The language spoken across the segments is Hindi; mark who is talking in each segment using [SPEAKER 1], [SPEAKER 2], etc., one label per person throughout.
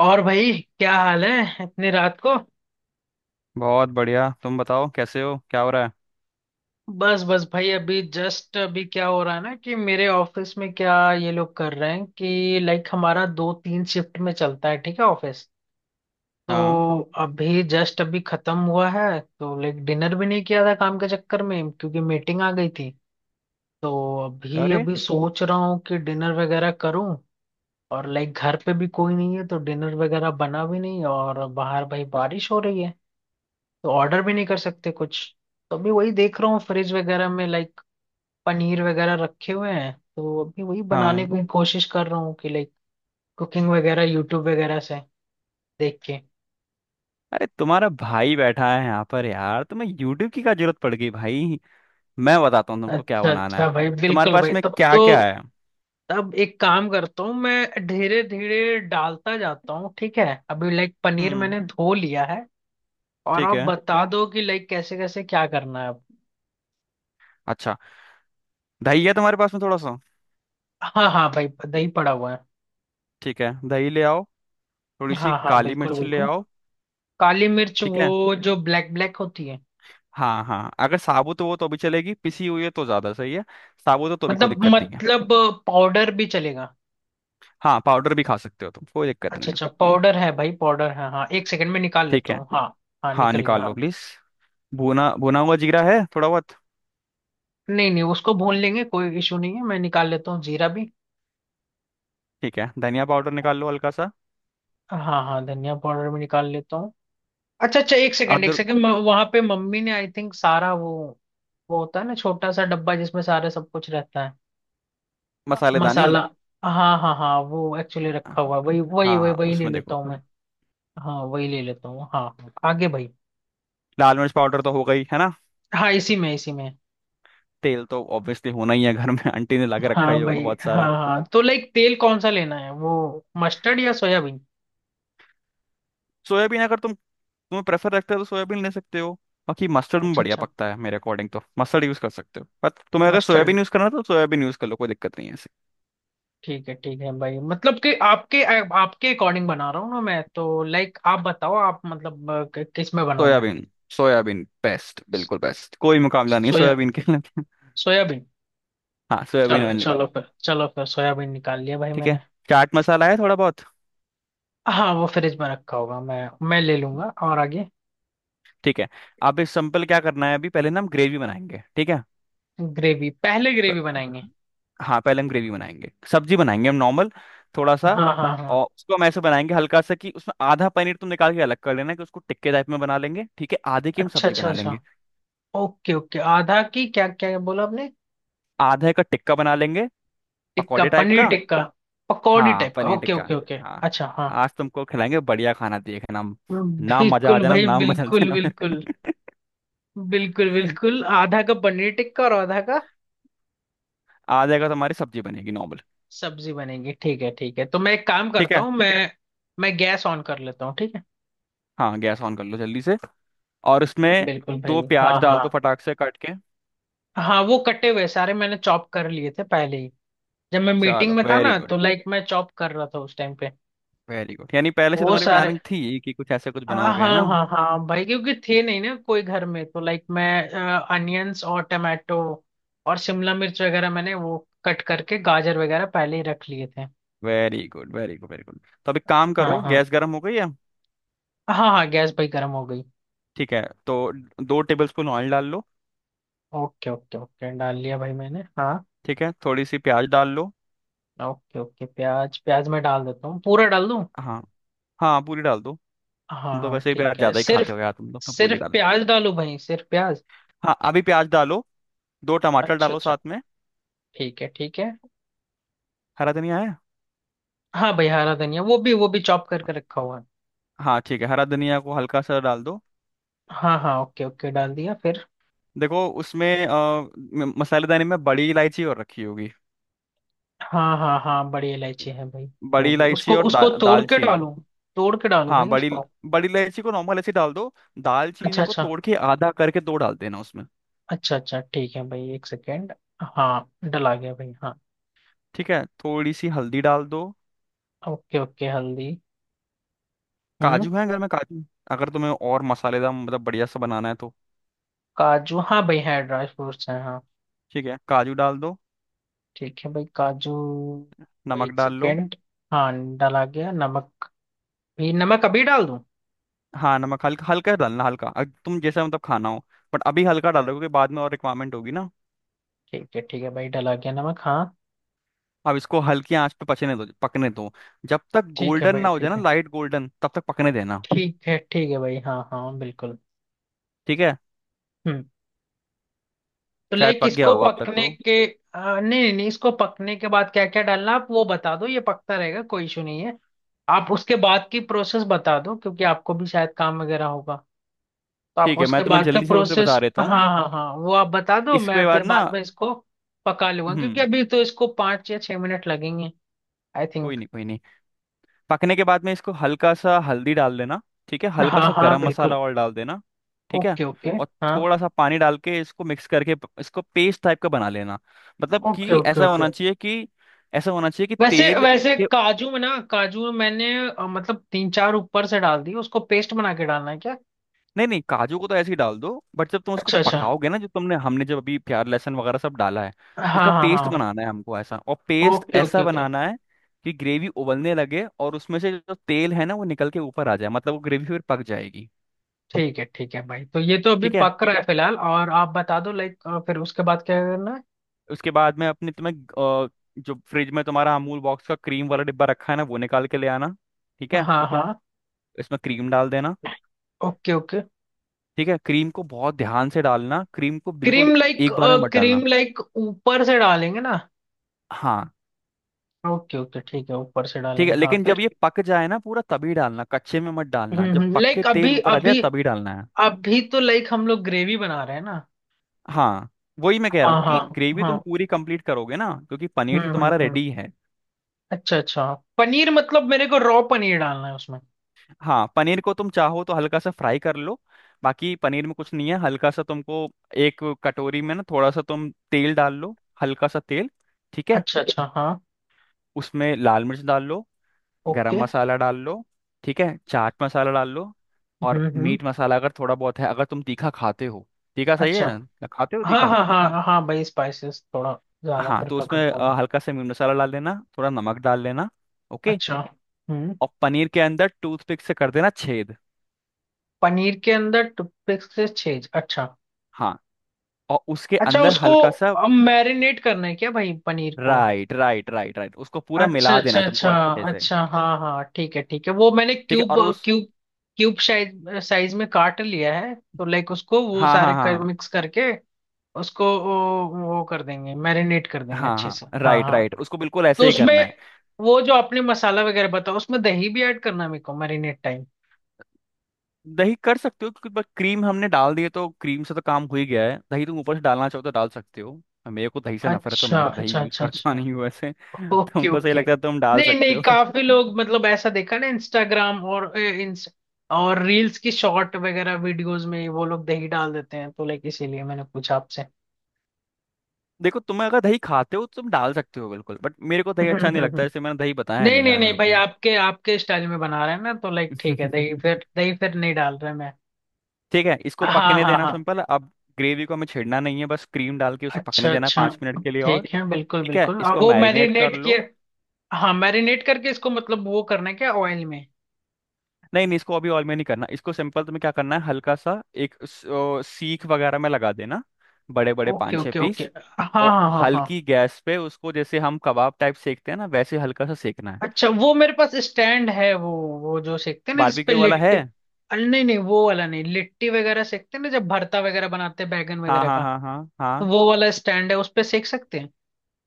[SPEAKER 1] और भाई, क्या हाल है इतनी रात को।
[SPEAKER 2] बहुत बढ़िया। तुम बताओ कैसे हो, क्या हो रहा है?
[SPEAKER 1] बस बस भाई, अभी जस्ट अभी क्या हो रहा है ना कि मेरे ऑफिस में क्या ये लोग कर रहे हैं कि लाइक हमारा दो तीन शिफ्ट में चलता है, ठीक है ऑफिस।
[SPEAKER 2] हाँ।
[SPEAKER 1] तो अभी जस्ट अभी खत्म हुआ है। तो लाइक डिनर भी नहीं किया था काम के चक्कर में, क्योंकि मीटिंग आ गई थी। तो अभी
[SPEAKER 2] अरे।
[SPEAKER 1] अभी सोच रहा हूँ कि डिनर वगैरह करूँ। और लाइक घर पे भी कोई नहीं है, तो डिनर वगैरह बना भी नहीं। और बाहर भाई बारिश हो रही है, तो ऑर्डर भी नहीं कर सकते कुछ। तो अभी वही देख रहा हूँ फ्रिज वगैरह में, लाइक पनीर वगैरह रखे हुए हैं। तो अभी वही
[SPEAKER 2] हाँ।
[SPEAKER 1] बनाने की कोशिश कर रहा हूँ कि लाइक कुकिंग वगैरह यूट्यूब वगैरह से देख के।
[SPEAKER 2] अरे, तुम्हारा भाई बैठा है यहाँ पर यार, तुम्हें यूट्यूब की क्या जरूरत पड़ गई भाई? मैं बताता हूँ तुमको क्या
[SPEAKER 1] अच्छा
[SPEAKER 2] बनाना है।
[SPEAKER 1] अच्छा भाई,
[SPEAKER 2] तुम्हारे
[SPEAKER 1] बिल्कुल
[SPEAKER 2] पास
[SPEAKER 1] भाई,
[SPEAKER 2] में
[SPEAKER 1] तब
[SPEAKER 2] क्या
[SPEAKER 1] तो।
[SPEAKER 2] क्या है?
[SPEAKER 1] अब एक काम करता हूँ, मैं धीरे धीरे डालता जाता हूँ, ठीक है। अभी लाइक पनीर
[SPEAKER 2] हम्म।
[SPEAKER 1] मैंने धो लिया है। और
[SPEAKER 2] ठीक
[SPEAKER 1] आप
[SPEAKER 2] है।
[SPEAKER 1] बता दो कि लाइक कैसे कैसे क्या करना है अब।
[SPEAKER 2] अच्छा, दही है तुम्हारे पास में थोड़ा सा?
[SPEAKER 1] हाँ हाँ भाई, दही पड़ा हुआ है।
[SPEAKER 2] ठीक है, दही ले आओ। थोड़ी सी
[SPEAKER 1] हाँ हाँ,
[SPEAKER 2] काली
[SPEAKER 1] बिल्कुल
[SPEAKER 2] मिर्च ले
[SPEAKER 1] बिल्कुल।
[SPEAKER 2] आओ।
[SPEAKER 1] काली मिर्च
[SPEAKER 2] ठीक है।
[SPEAKER 1] वो जो ब्लैक ब्लैक होती है।
[SPEAKER 2] हाँ हाँ, अगर साबुत हो तो भी चलेगी, पिसी हुई है तो ज्यादा सही है। साबुत हो तो भी कोई
[SPEAKER 1] मतलब
[SPEAKER 2] दिक्कत नहीं है।
[SPEAKER 1] मतलब पाउडर भी चलेगा।
[SPEAKER 2] हाँ, पाउडर भी खा सकते हो तुम, कोई दिक्कत
[SPEAKER 1] अच्छा
[SPEAKER 2] नहीं है।
[SPEAKER 1] अच्छा, पाउडर है भाई, पाउडर है, हाँ, एक सेकंड में निकाल
[SPEAKER 2] ठीक
[SPEAKER 1] लेता
[SPEAKER 2] है।
[SPEAKER 1] हूँ, हाँ। हाँ
[SPEAKER 2] हाँ,
[SPEAKER 1] निकल गया,
[SPEAKER 2] निकाल लो
[SPEAKER 1] हाँ।
[SPEAKER 2] प्लीज। भुना भुना हुआ जीरा है थोड़ा बहुत।
[SPEAKER 1] नहीं नहीं, उसको भून लेंगे, कोई इशू नहीं है। मैं निकाल लेता हूँ जीरा भी।
[SPEAKER 2] ठीक है, धनिया पाउडर निकाल लो हल्का सा।
[SPEAKER 1] हाँ हाँ, धनिया पाउडर भी निकाल लेता हूँ। अच्छा अच्छा, एक सेकंड एक
[SPEAKER 2] अदरक।
[SPEAKER 1] सेकंड, वहां पे मम्मी ने आई थिंक सारा वो होता है ना छोटा सा डब्बा जिसमें सारे सब कुछ रहता है।
[SPEAKER 2] मसालेदानी।
[SPEAKER 1] मसाला। हाँ हाँ हाँ, वो एक्चुअली रखा हुआ है, वही वही वही
[SPEAKER 2] हाँ
[SPEAKER 1] वही ले
[SPEAKER 2] उसमें
[SPEAKER 1] लेता
[SPEAKER 2] देखो।
[SPEAKER 1] हूँ मैं। हाँ वही ले लेता हूँ, हाँ हाँ। आगे भाई।
[SPEAKER 2] लाल मिर्च पाउडर तो हो गई है ना?
[SPEAKER 1] हाँ इसी में, इसी में।
[SPEAKER 2] तेल तो ऑब्वियसली होना ही है, घर में आंटी ने ला के
[SPEAKER 1] हाँ
[SPEAKER 2] रखा ही होगा
[SPEAKER 1] भाई,
[SPEAKER 2] बहुत
[SPEAKER 1] हाँ
[SPEAKER 2] सारा।
[SPEAKER 1] हाँ, तो लाइक तेल कौन सा लेना है वो, मस्टर्ड या सोयाबीन।
[SPEAKER 2] सोयाबीन अगर तुम्हें प्रेफर रखते हो तो सोयाबीन ले सकते हो। बाकी मस्टर्ड में
[SPEAKER 1] अच्छा
[SPEAKER 2] बढ़िया
[SPEAKER 1] अच्छा,
[SPEAKER 2] पकता है मेरे अकॉर्डिंग, तो मस्टर्ड यूज कर सकते हो, पर तुम्हें अगर
[SPEAKER 1] मस्टर्ड।
[SPEAKER 2] सोयाबीन यूज करना है, तो सोयाबीन यूज कर लो, कोई दिक्कत नहीं है ऐसे।
[SPEAKER 1] ठीक है भाई, मतलब कि आपके आपके अकॉर्डिंग बना रहा हूँ ना मैं, तो लाइक आप बताओ, आप मतलब किस में बनाऊँ मैं।
[SPEAKER 2] सोयाबीन। सोयाबीन बेस्ट, बिल्कुल बेस्ट, कोई मुकाबला नहीं
[SPEAKER 1] सोया,
[SPEAKER 2] सोयाबीन के लिए।
[SPEAKER 1] सोयाबीन।
[SPEAKER 2] हाँ, सोयाबीन
[SPEAKER 1] चलो
[SPEAKER 2] ऑयल
[SPEAKER 1] चलो
[SPEAKER 2] निकालो।
[SPEAKER 1] फिर, चलो फिर सोयाबीन निकाल लिया भाई
[SPEAKER 2] ठीक है।
[SPEAKER 1] मैंने।
[SPEAKER 2] चाट मसाला है थोड़ा बहुत?
[SPEAKER 1] हाँ वो फ्रिज में रखा होगा, मैं ले लूंगा। और आगे।
[SPEAKER 2] ठीक है। अब इस सिंपल क्या करना है, अभी पहले ना हम ग्रेवी बनाएंगे, ठीक है।
[SPEAKER 1] ग्रेवी, पहले
[SPEAKER 2] तो
[SPEAKER 1] ग्रेवी बनाएंगे।
[SPEAKER 2] हाँ, पहले हम ग्रेवी बनाएंगे, सब्जी बनाएंगे हम नॉर्मल। थोड़ा सा।
[SPEAKER 1] हाँ हाँ हाँ।
[SPEAKER 2] और उसको हम ऐसे बनाएंगे हल्का सा कि उसमें आधा पनीर तुम निकाल के अलग कर लेना, कि उसको टिक्के टाइप में बना लेंगे, ठीक है? आधे की हम
[SPEAKER 1] अच्छा
[SPEAKER 2] सब्जी
[SPEAKER 1] अच्छा
[SPEAKER 2] बना
[SPEAKER 1] अच्छा।
[SPEAKER 2] लेंगे।
[SPEAKER 1] ओके ओके, आधा की क्या क्या बोला आपने।
[SPEAKER 2] आधे का टिक्का बना लेंगे।
[SPEAKER 1] टिक्का,
[SPEAKER 2] पकौड़े टाइप
[SPEAKER 1] पनीर
[SPEAKER 2] का।
[SPEAKER 1] टिक्का। पकौड़ी
[SPEAKER 2] हाँ,
[SPEAKER 1] टाइप का,
[SPEAKER 2] paneer
[SPEAKER 1] okay
[SPEAKER 2] tikka.
[SPEAKER 1] Okay okay,
[SPEAKER 2] हाँ,
[SPEAKER 1] अच्छा हाँ।
[SPEAKER 2] आज तुमको खिलाएंगे बढ़िया खाना, देखना हम। नाम मजा आ
[SPEAKER 1] बिल्कुल
[SPEAKER 2] जाना,
[SPEAKER 1] भाई,
[SPEAKER 2] नाम बदल
[SPEAKER 1] बिल्कुल
[SPEAKER 2] देना।
[SPEAKER 1] बिल्कुल। बिल्कुल बिल्कुल, आधा का पनीर टिक्का और आधा का।
[SPEAKER 2] आधे का तुम्हारी सब्जी बनेगी नॉर्मल।
[SPEAKER 1] सब्जी बनेगी। ठीक है ठीक है, तो मैं एक काम
[SPEAKER 2] ठीक
[SPEAKER 1] करता
[SPEAKER 2] है।
[SPEAKER 1] हूँ, मैं गैस ऑन कर लेता हूँ, ठीक है।
[SPEAKER 2] हाँ, गैस ऑन कर लो जल्दी से। और उसमें
[SPEAKER 1] बिल्कुल भाई,
[SPEAKER 2] दो प्याज
[SPEAKER 1] हाँ
[SPEAKER 2] डाल दो
[SPEAKER 1] हाँ।
[SPEAKER 2] फटाक से कट के।
[SPEAKER 1] हाँ वो कटे हुए सारे मैंने चॉप कर लिए थे पहले ही। जब मैं मीटिंग
[SPEAKER 2] चलो,
[SPEAKER 1] में था
[SPEAKER 2] वेरी
[SPEAKER 1] ना,
[SPEAKER 2] गुड।
[SPEAKER 1] तो लाइक मैं चॉप कर रहा था उस टाइम पे।
[SPEAKER 2] वेरी गुड, यानी पहले से
[SPEAKER 1] वो
[SPEAKER 2] तुम्हारी
[SPEAKER 1] सारे,
[SPEAKER 2] प्लानिंग थी कि कुछ
[SPEAKER 1] हाँ
[SPEAKER 2] बनाओगे,
[SPEAKER 1] हाँ
[SPEAKER 2] है ना?
[SPEAKER 1] हाँ हाँ भाई, क्योंकि थे नहीं ना कोई घर में, तो लाइक मैं अनियंस और टमाटो और शिमला मिर्च वगैरह मैंने वो कट करके गाजर वगैरह पहले ही रख लिए थे।
[SPEAKER 2] Very good, very good, very good. तो अब एक काम
[SPEAKER 1] हाँ
[SPEAKER 2] करो,
[SPEAKER 1] हाँ।
[SPEAKER 2] गैस गर्म हो गई है?
[SPEAKER 1] हाँ हाँ गैस भाई गर्म हो गई।
[SPEAKER 2] ठीक है। तो 2 टेबल स्पून ऑयल डाल लो।
[SPEAKER 1] ओके ओके ओके, डाल लिया भाई मैंने, हाँ।
[SPEAKER 2] ठीक है, थोड़ी सी प्याज डाल लो।
[SPEAKER 1] ओके ओके, प्याज, प्याज मैं डाल देता हूँ, पूरा डाल दूँ।
[SPEAKER 2] हाँ हाँ, पूरी डाल दो।
[SPEAKER 1] हाँ
[SPEAKER 2] तुम तो
[SPEAKER 1] हाँ,
[SPEAKER 2] वैसे ही प्याज
[SPEAKER 1] ठीक है,
[SPEAKER 2] ज्यादा ही खाते
[SPEAKER 1] सिर्फ
[SPEAKER 2] हो यार तुम तो पूरी
[SPEAKER 1] सिर्फ
[SPEAKER 2] डाल लो।
[SPEAKER 1] प्याज डालूं भाई, सिर्फ प्याज।
[SPEAKER 2] हाँ अभी प्याज डालो। दो टमाटर
[SPEAKER 1] अच्छा
[SPEAKER 2] डालो
[SPEAKER 1] अच्छा,
[SPEAKER 2] साथ में।
[SPEAKER 1] ठीक है ठीक है।
[SPEAKER 2] हरा धनिया है?
[SPEAKER 1] हाँ भाई, हरा धनिया, वो भी चॉप करके रखा हुआ है।
[SPEAKER 2] हाँ, ठीक है, हरा धनिया को हल्का सा डाल दो।
[SPEAKER 1] हाँ हाँ, ओके ओके डाल दिया फिर।
[SPEAKER 2] देखो उसमें मसालेदानी में बड़ी इलायची और रखी होगी।
[SPEAKER 1] हाँ हाँ हाँ, बड़ी इलायची है भाई। वो
[SPEAKER 2] बड़ी
[SPEAKER 1] भी,
[SPEAKER 2] इलायची
[SPEAKER 1] उसको
[SPEAKER 2] और
[SPEAKER 1] उसको तोड़ के
[SPEAKER 2] दालचीनी।
[SPEAKER 1] डालो, तोड़ के डालो
[SPEAKER 2] हाँ,
[SPEAKER 1] भाई
[SPEAKER 2] बड़ी।
[SPEAKER 1] उसको।
[SPEAKER 2] बड़ी इलायची को नॉर्मल ऐसे डाल दो।
[SPEAKER 1] अच्छा
[SPEAKER 2] दालचीनी को
[SPEAKER 1] अच्छा,
[SPEAKER 2] तोड़ के आधा करके दो डाल देना उसमें।
[SPEAKER 1] अच्छा अच्छा, ठीक है भाई, एक सेकेंड। हाँ डला गया भाई, हाँ।
[SPEAKER 2] ठीक है, थोड़ी सी हल्दी डाल दो।
[SPEAKER 1] ओके ओके, हल्दी। हम्म।
[SPEAKER 2] काजू है घर में, काजू? अगर तुम्हें और मसालेदार मतलब बढ़िया सा बनाना है तो।
[SPEAKER 1] काजू, हाँ भाई है, ड्राई फ्रूट्स हैं, हाँ।
[SPEAKER 2] ठीक है, काजू डाल दो।
[SPEAKER 1] ठीक है भाई, काजू। भाई
[SPEAKER 2] नमक
[SPEAKER 1] एक
[SPEAKER 2] डाल लो।
[SPEAKER 1] सेकेंड। हाँ। डला गया नमक भी, नमक अभी डाल दूँ।
[SPEAKER 2] हाँ, नमक हल्का हल्का डालना, हल्का तुम जैसा मतलब खाना हो। बट अभी हल्का डाल दो क्योंकि बाद में और रिक्वायरमेंट होगी ना।
[SPEAKER 1] ठीक है भाई, डला गया नमक, हाँ।
[SPEAKER 2] अब इसको हल्की आंच पे पचने दो, पकने दो। जब तक
[SPEAKER 1] ठीक है
[SPEAKER 2] गोल्डन
[SPEAKER 1] भाई,
[SPEAKER 2] ना हो जाए
[SPEAKER 1] ठीक
[SPEAKER 2] ना,
[SPEAKER 1] है।
[SPEAKER 2] लाइट गोल्डन, तब तक पकने देना।
[SPEAKER 1] ठीक है ठीक है भाई, हाँ हाँ बिल्कुल।
[SPEAKER 2] ठीक है।
[SPEAKER 1] हम्म। तो
[SPEAKER 2] शायद
[SPEAKER 1] लाइक
[SPEAKER 2] पक गया
[SPEAKER 1] इसको
[SPEAKER 2] होगा अब तक
[SPEAKER 1] पकने
[SPEAKER 2] तो।
[SPEAKER 1] के, नहीं नहीं नहीं, इसको पकने के बाद क्या क्या डालना, आप वो बता दो, ये पकता रहेगा, कोई इशू नहीं है। आप उसके बाद की प्रोसेस बता दो, क्योंकि आपको भी शायद काम वगैरह होगा, तो आप
[SPEAKER 2] ठीक है,
[SPEAKER 1] उसके
[SPEAKER 2] मैं तुम्हें
[SPEAKER 1] बाद का
[SPEAKER 2] जल्दी से फिर बता
[SPEAKER 1] प्रोसेस,
[SPEAKER 2] देता
[SPEAKER 1] हाँ
[SPEAKER 2] हूँ।
[SPEAKER 1] हाँ हाँ, वो आप बता दो, मैं
[SPEAKER 2] इसके
[SPEAKER 1] फिर
[SPEAKER 2] बाद ना।
[SPEAKER 1] बाद में इसको पका लूंगा, क्योंकि
[SPEAKER 2] हम्म।
[SPEAKER 1] अभी तो इसको 5 या 6 मिनट लगेंगे आई
[SPEAKER 2] कोई
[SPEAKER 1] थिंक।
[SPEAKER 2] नहीं, कोई नहीं। पकने के बाद में इसको हल्का सा हल्दी डाल देना। ठीक है, हल्का
[SPEAKER 1] हाँ
[SPEAKER 2] सा
[SPEAKER 1] हाँ
[SPEAKER 2] गरम मसाला
[SPEAKER 1] बिल्कुल।
[SPEAKER 2] और डाल देना। ठीक है।
[SPEAKER 1] Okay okay.
[SPEAKER 2] और
[SPEAKER 1] हाँ।
[SPEAKER 2] थोड़ा सा पानी डाल के इसको मिक्स करके इसको पेस्ट टाइप का बना लेना। मतलब
[SPEAKER 1] ओके
[SPEAKER 2] कि
[SPEAKER 1] ओके
[SPEAKER 2] ऐसा
[SPEAKER 1] ओके।
[SPEAKER 2] होना चाहिए कि, ऐसा होना चाहिए कि
[SPEAKER 1] वैसे
[SPEAKER 2] तेल।
[SPEAKER 1] वैसे काजू में ना, काजू में मैंने मतलब तीन चार ऊपर से डाल दिए, उसको पेस्ट बना के डालना है क्या।
[SPEAKER 2] नहीं नहीं, काजू को तो ऐसे ही डाल दो, बट जब तुम उसको
[SPEAKER 1] अच्छा अच्छा,
[SPEAKER 2] पकाओगे ना, जो तुमने हमने जब अभी प्याज लहसुन वगैरह सब डाला है,
[SPEAKER 1] हाँ
[SPEAKER 2] इसका
[SPEAKER 1] हाँ
[SPEAKER 2] पेस्ट, हाँ,
[SPEAKER 1] हाँ।
[SPEAKER 2] बनाना है हमको ऐसा, और पेस्ट
[SPEAKER 1] ओके ओके
[SPEAKER 2] ऐसा
[SPEAKER 1] ओके।
[SPEAKER 2] बनाना है कि ग्रेवी उबलने लगे और उसमें से जो तेल है ना वो निकल के ऊपर आ जाए, मतलब वो ग्रेवी फिर पक जाएगी।
[SPEAKER 1] ठीक है भाई, तो ये तो अभी
[SPEAKER 2] ठीक है।
[SPEAKER 1] पक रहा है फिलहाल, और आप बता दो लाइक फिर उसके बाद क्या करना
[SPEAKER 2] उसके बाद में अपने तुम्हें, अ, जो फ्रिज में तुम्हारा अमूल बॉक्स का क्रीम वाला डिब्बा रखा है ना, वो निकाल के ले आना। ठीक
[SPEAKER 1] है।
[SPEAKER 2] है।
[SPEAKER 1] हाँ हाँ।
[SPEAKER 2] इसमें क्रीम डाल देना।
[SPEAKER 1] ओके ओके,
[SPEAKER 2] ठीक है, क्रीम को बहुत ध्यान से डालना, क्रीम को बिल्कुल
[SPEAKER 1] क्रीम लाइक,
[SPEAKER 2] एक बार में मत
[SPEAKER 1] क्रीम
[SPEAKER 2] डालना।
[SPEAKER 1] लाइक ऊपर से डालेंगे ना।
[SPEAKER 2] हाँ।
[SPEAKER 1] ओके ओके, ठीक है, ऊपर से
[SPEAKER 2] ठीक
[SPEAKER 1] डालेंगे,
[SPEAKER 2] है,
[SPEAKER 1] हाँ
[SPEAKER 2] लेकिन जब
[SPEAKER 1] फिर।
[SPEAKER 2] ये पक जाए ना पूरा, तभी डालना, कच्चे में मत डालना, जब पक के
[SPEAKER 1] लाइक
[SPEAKER 2] तेल
[SPEAKER 1] अभी
[SPEAKER 2] ऊपर आ जाए
[SPEAKER 1] अभी,
[SPEAKER 2] तभी डालना है।
[SPEAKER 1] अभी तो लाइक हम लोग ग्रेवी बना रहे हैं ना।
[SPEAKER 2] हाँ, वही मैं कह रहा हूँ,
[SPEAKER 1] हाँ
[SPEAKER 2] क्योंकि
[SPEAKER 1] हाँ
[SPEAKER 2] ग्रेवी
[SPEAKER 1] हाँ।
[SPEAKER 2] तुम पूरी कंप्लीट करोगे ना, क्योंकि पनीर तो तुम्हारा
[SPEAKER 1] हम्म,
[SPEAKER 2] रेडी है।
[SPEAKER 1] अच्छा अच्छा, पनीर मतलब मेरे को रॉ पनीर डालना है उसमें।
[SPEAKER 2] हाँ, पनीर को तुम चाहो तो हल्का सा फ्राई कर लो। बाकी पनीर में कुछ नहीं है, हल्का सा तुमको एक कटोरी में ना थोड़ा सा तुम तेल डाल लो, हल्का सा तेल। ठीक है,
[SPEAKER 1] अच्छा अच्छा, हाँ।
[SPEAKER 2] उसमें लाल मिर्च डाल लो। गरम
[SPEAKER 1] ओके।
[SPEAKER 2] मसाला डाल लो। ठीक है, चाट मसाला डाल लो। और
[SPEAKER 1] हम्म।
[SPEAKER 2] मीट मसाला अगर थोड़ा बहुत है, अगर तुम तीखा खाते हो। तीखा सही है,
[SPEAKER 1] अच्छा,
[SPEAKER 2] या खाते हो
[SPEAKER 1] हाँ
[SPEAKER 2] तीखा?
[SPEAKER 1] हाँ हाँ हाँ हाँ, भाई स्पाइसेस थोड़ा ज्यादा
[SPEAKER 2] हाँ, तो
[SPEAKER 1] प्रेफर
[SPEAKER 2] उसमें
[SPEAKER 1] करता हूँ।
[SPEAKER 2] हल्का सा मीट मसाला डाल देना, थोड़ा नमक डाल लेना। ओके।
[SPEAKER 1] अच्छा। हम्म।
[SPEAKER 2] और पनीर के अंदर टूथपिक से कर देना छेद।
[SPEAKER 1] पनीर के अंदर टूथपिक से छेद, अच्छा।
[SPEAKER 2] हाँ, और उसके
[SPEAKER 1] अच्छा
[SPEAKER 2] अंदर
[SPEAKER 1] उसको
[SPEAKER 2] हल्का सा।
[SPEAKER 1] मैरिनेट करना है क्या भाई, पनीर को।
[SPEAKER 2] राइट राइट राइट राइट, उसको पूरा
[SPEAKER 1] अच्छा
[SPEAKER 2] मिला
[SPEAKER 1] अच्छा
[SPEAKER 2] देना तुमको
[SPEAKER 1] अच्छा
[SPEAKER 2] अच्छे से।
[SPEAKER 1] अच्छा, हाँ हाँ ठीक है ठीक है, वो मैंने
[SPEAKER 2] ठीक है,
[SPEAKER 1] क्यूब,
[SPEAKER 2] और उस,
[SPEAKER 1] क्यूब क्यूब साइज, साइज में काट लिया है, तो लाइक उसको वो
[SPEAKER 2] हाँ
[SPEAKER 1] सारे
[SPEAKER 2] हाँ
[SPEAKER 1] कर
[SPEAKER 2] हाँ
[SPEAKER 1] मिक्स करके उसको वो कर देंगे, मैरिनेट कर देंगे
[SPEAKER 2] हाँ
[SPEAKER 1] अच्छे से,
[SPEAKER 2] हाँ,
[SPEAKER 1] हाँ
[SPEAKER 2] राइट
[SPEAKER 1] हाँ।
[SPEAKER 2] राइट, उसको बिल्कुल ऐसे
[SPEAKER 1] तो
[SPEAKER 2] ही
[SPEAKER 1] उसमें
[SPEAKER 2] करना है।
[SPEAKER 1] वो जो आपने मसाला वगैरह बताया, उसमें दही भी ऐड करना है मेरे को मैरिनेट टाइम।
[SPEAKER 2] दही कर सकते हो, क्योंकि बस क्रीम हमने डाल दिए तो क्रीम से तो काम हो ही गया है, दही तुम ऊपर से डालना चाहो तो डाल सकते हो। मेरे को दही से नफरत है, तो
[SPEAKER 1] अच्छा
[SPEAKER 2] मैं तो दही
[SPEAKER 1] अच्छा
[SPEAKER 2] यूज
[SPEAKER 1] अच्छा
[SPEAKER 2] करता
[SPEAKER 1] अच्छा।
[SPEAKER 2] नहीं हूँ वैसे।
[SPEAKER 1] ओके
[SPEAKER 2] तुमको सही
[SPEAKER 1] ओके।
[SPEAKER 2] लगता है तुम डाल
[SPEAKER 1] नहीं
[SPEAKER 2] सकते
[SPEAKER 1] नहीं,
[SPEAKER 2] हो।
[SPEAKER 1] काफी लोग मतलब ऐसा देखा ना इंस्टाग्राम और और रील्स की शॉर्ट वगैरह वीडियोस में वो लोग दही डाल देते हैं, तो लाइक इसीलिए मैंने पूछा आपसे।
[SPEAKER 2] देखो, तुम्हें अगर दही खाते हो तो तुम डाल सकते हो बिल्कुल, बट मेरे को दही
[SPEAKER 1] हम्म,
[SPEAKER 2] अच्छा नहीं
[SPEAKER 1] हम्म,
[SPEAKER 2] लगता,
[SPEAKER 1] हम्म।
[SPEAKER 2] इसलिए मैंने दही बताया
[SPEAKER 1] नहीं
[SPEAKER 2] नहीं
[SPEAKER 1] नहीं
[SPEAKER 2] यार
[SPEAKER 1] नहीं
[SPEAKER 2] मेरे
[SPEAKER 1] भाई,
[SPEAKER 2] को।
[SPEAKER 1] आपके आपके स्टाइल में बना रहे हैं ना, तो लाइक ठीक है, दही फिर, दही फिर नहीं डाल रहे मैं।
[SPEAKER 2] ठीक है, इसको
[SPEAKER 1] हाँ
[SPEAKER 2] पकने
[SPEAKER 1] हाँ
[SPEAKER 2] देना
[SPEAKER 1] हाँ।
[SPEAKER 2] सिंपल अब। ग्रेवी को हमें छेड़ना नहीं है, बस क्रीम डाल के उसे पकने
[SPEAKER 1] अच्छा
[SPEAKER 2] देना
[SPEAKER 1] अच्छा।
[SPEAKER 2] 5 मिनट के लिए और।
[SPEAKER 1] ठीक है बिल्कुल
[SPEAKER 2] ठीक है,
[SPEAKER 1] बिल्कुल, और
[SPEAKER 2] इसको
[SPEAKER 1] वो
[SPEAKER 2] मैरिनेट कर
[SPEAKER 1] मैरिनेट किए।
[SPEAKER 2] लो।
[SPEAKER 1] हाँ मैरिनेट करके इसको मतलब वो करना है क्या ऑयल में।
[SPEAKER 2] नहीं नहीं, इसको अभी ऑयल में नहीं करना, इसको सिंपल तुम्हें क्या करना है, हल्का सा एक सीख वगैरह में लगा देना। बड़े बड़े
[SPEAKER 1] ओके
[SPEAKER 2] पाँच छः
[SPEAKER 1] ओके ओके,
[SPEAKER 2] पीस।
[SPEAKER 1] हाँ
[SPEAKER 2] और
[SPEAKER 1] हाँ हाँ हाँ।
[SPEAKER 2] हल्की गैस पे उसको जैसे हम कबाब टाइप सेकते हैं ना, वैसे हल्का सा सेकना है।
[SPEAKER 1] अच्छा वो मेरे पास स्टैंड है, वो जो सेकते हैं ना जिसपे
[SPEAKER 2] बारबेक्यू वाला है?
[SPEAKER 1] लिट्टी। अरे नहीं नहीं वो वाला नहीं, लिट्टी वगैरह सेकते हैं ना जब भरता वगैरह बनाते हैं बैगन
[SPEAKER 2] हाँ
[SPEAKER 1] वगैरह
[SPEAKER 2] हाँ
[SPEAKER 1] का,
[SPEAKER 2] हाँ हाँ
[SPEAKER 1] तो
[SPEAKER 2] हाँ,
[SPEAKER 1] वो वाला स्टैंड है, उस पे सेक सकते हैं।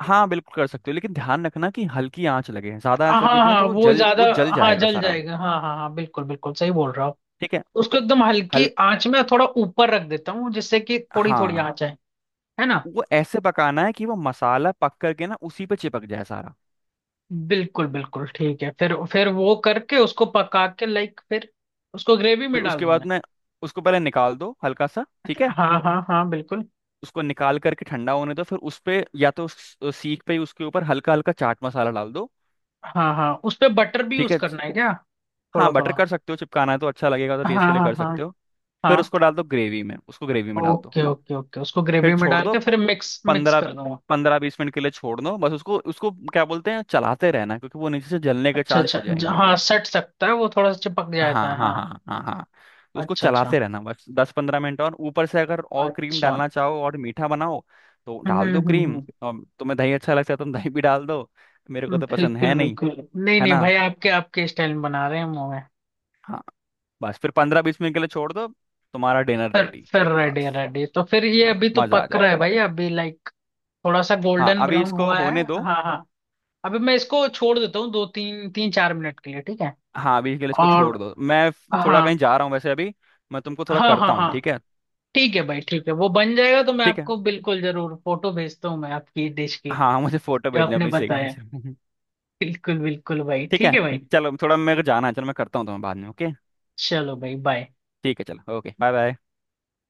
[SPEAKER 2] हाँ बिल्कुल कर सकते हो, लेकिन ध्यान रखना कि हल्की आंच लगे, ज्यादा
[SPEAKER 1] हाँ
[SPEAKER 2] आंच लगेगी ना
[SPEAKER 1] हाँ,
[SPEAKER 2] तो वो
[SPEAKER 1] वो
[SPEAKER 2] जल,
[SPEAKER 1] ज्यादा,
[SPEAKER 2] वो जल
[SPEAKER 1] हाँ
[SPEAKER 2] जाएगा
[SPEAKER 1] जल
[SPEAKER 2] सारा।
[SPEAKER 1] जाएगा, हाँ हाँ हाँ, बिल्कुल बिल्कुल सही बोल रहा हूँ।
[SPEAKER 2] ठीक है।
[SPEAKER 1] उसको एकदम हल्की
[SPEAKER 2] हल
[SPEAKER 1] आंच में थोड़ा ऊपर रख देता हूँ, जिससे कि थोड़ी थोड़ी
[SPEAKER 2] हाँ,
[SPEAKER 1] आंच आए, है ना।
[SPEAKER 2] वो ऐसे पकाना है कि वो मसाला पक करके ना उसी पे चिपक जाए सारा।
[SPEAKER 1] बिल्कुल बिल्कुल, ठीक है फिर वो करके उसको पका के लाइक फिर उसको ग्रेवी में
[SPEAKER 2] फिर
[SPEAKER 1] डाल
[SPEAKER 2] उसके
[SPEAKER 1] दूं
[SPEAKER 2] बाद
[SPEAKER 1] मैं।
[SPEAKER 2] में उसको पहले निकाल दो हल्का सा, ठीक है।
[SPEAKER 1] हाँ हाँ हाँ, बिल्कुल।
[SPEAKER 2] उसको निकाल करके ठंडा होने दो, फिर उस पे, या तो उस सीख पे ही उसके ऊपर हल्का हल्का चाट मसाला डाल दो।
[SPEAKER 1] हाँ हाँ, उस पे बटर भी
[SPEAKER 2] ठीक
[SPEAKER 1] यूज
[SPEAKER 2] है।
[SPEAKER 1] करना है क्या,
[SPEAKER 2] हाँ,
[SPEAKER 1] थोड़ा
[SPEAKER 2] बटर
[SPEAKER 1] थोड़ा।
[SPEAKER 2] कर सकते हो, चिपकाना है तो अच्छा लगेगा, तो
[SPEAKER 1] हाँ
[SPEAKER 2] टेस्ट के लिए
[SPEAKER 1] हाँ
[SPEAKER 2] कर
[SPEAKER 1] हाँ,
[SPEAKER 2] सकते हो। फिर
[SPEAKER 1] हाँ।
[SPEAKER 2] उसको डाल दो ग्रेवी में, उसको ग्रेवी में डाल दो।
[SPEAKER 1] ओके ओके ओके, उसको
[SPEAKER 2] फिर
[SPEAKER 1] ग्रेवी में
[SPEAKER 2] छोड़
[SPEAKER 1] डाल
[SPEAKER 2] दो।
[SPEAKER 1] के फिर मिक्स मिक्स
[SPEAKER 2] पंद्रह
[SPEAKER 1] कर दूंगा।
[SPEAKER 2] पंद्रह बीस मिनट के लिए छोड़ दो बस, उसको, उसको क्या बोलते हैं, चलाते रहना, क्योंकि वो नीचे से जलने के
[SPEAKER 1] अच्छा
[SPEAKER 2] चांस
[SPEAKER 1] अच्छा,
[SPEAKER 2] हो जाएंगे।
[SPEAKER 1] हाँ सट सकता है, वो थोड़ा सा चिपक
[SPEAKER 2] हाँ
[SPEAKER 1] जाता है,
[SPEAKER 2] हाँ हाँ
[SPEAKER 1] हाँ।
[SPEAKER 2] हाँ हाँ हाँ। तो उसको
[SPEAKER 1] अच्छा अच्छा
[SPEAKER 2] चलाते रहना बस, दस पंद्रह मिनट, और ऊपर से अगर और क्रीम
[SPEAKER 1] अच्छा।
[SPEAKER 2] डालना चाहो और मीठा बनाओ तो
[SPEAKER 1] हम्म
[SPEAKER 2] डाल
[SPEAKER 1] हम्म
[SPEAKER 2] दो
[SPEAKER 1] हम्म,
[SPEAKER 2] क्रीम,
[SPEAKER 1] हम्म,
[SPEAKER 2] और तुम्हें दही अच्छा लगता है तो तुम दही भी डाल दो। मेरे को तो पसंद
[SPEAKER 1] बिल्कुल
[SPEAKER 2] है नहीं,
[SPEAKER 1] बिल्कुल। नहीं
[SPEAKER 2] है
[SPEAKER 1] नहीं
[SPEAKER 2] ना।
[SPEAKER 1] भाई, आपके आपके स्टाइल में बना रहे हैं, मुंह में।
[SPEAKER 2] हाँ, बस फिर पंद्रह बीस मिनट के लिए छोड़ दो, तुम्हारा डिनर
[SPEAKER 1] फिर
[SPEAKER 2] रेडी।
[SPEAKER 1] फिर रेडी
[SPEAKER 2] बस,
[SPEAKER 1] रेडी, तो फिर ये
[SPEAKER 2] हाँ,
[SPEAKER 1] अभी तो
[SPEAKER 2] मजा आ
[SPEAKER 1] पक रहा
[SPEAKER 2] जाएगा।
[SPEAKER 1] है भाई, अभी लाइक थोड़ा सा
[SPEAKER 2] हाँ,
[SPEAKER 1] गोल्डन
[SPEAKER 2] अभी
[SPEAKER 1] ब्राउन
[SPEAKER 2] इसको
[SPEAKER 1] हुआ है।
[SPEAKER 2] होने दो।
[SPEAKER 1] हाँ हाँ, अभी मैं इसको छोड़ देता हूँ दो तीन तीन चार मिनट के लिए, ठीक है।
[SPEAKER 2] हाँ, अभी के लिए इसको छोड़
[SPEAKER 1] और
[SPEAKER 2] दो, मैं थोड़ा कहीं
[SPEAKER 1] हाँ
[SPEAKER 2] जा रहा हूँ वैसे अभी। मैं तुमको थोड़ा
[SPEAKER 1] हाँ हाँ
[SPEAKER 2] करता हूँ,
[SPEAKER 1] हाँ,
[SPEAKER 2] ठीक है।
[SPEAKER 1] ठीक है भाई ठीक है, वो बन जाएगा तो मैं
[SPEAKER 2] ठीक है,
[SPEAKER 1] आपको बिल्कुल जरूर फोटो भेजता हूँ मैं, आपकी डिश की
[SPEAKER 2] हाँ हाँ, मुझे फोटो
[SPEAKER 1] जो
[SPEAKER 2] भेजना
[SPEAKER 1] आपने
[SPEAKER 2] प्लीज एक बार।
[SPEAKER 1] बताया। बिल्कुल बिल्कुल भाई,
[SPEAKER 2] ठीक
[SPEAKER 1] ठीक
[SPEAKER 2] है।
[SPEAKER 1] है भाई।
[SPEAKER 2] चलो थोड़ा मेरे को जाना है, चलो मैं करता हूँ तुम्हें बाद में, ओके।
[SPEAKER 1] चलो भाई, बाय।
[SPEAKER 2] ठीक है, चलो, ओके, बाय बाय।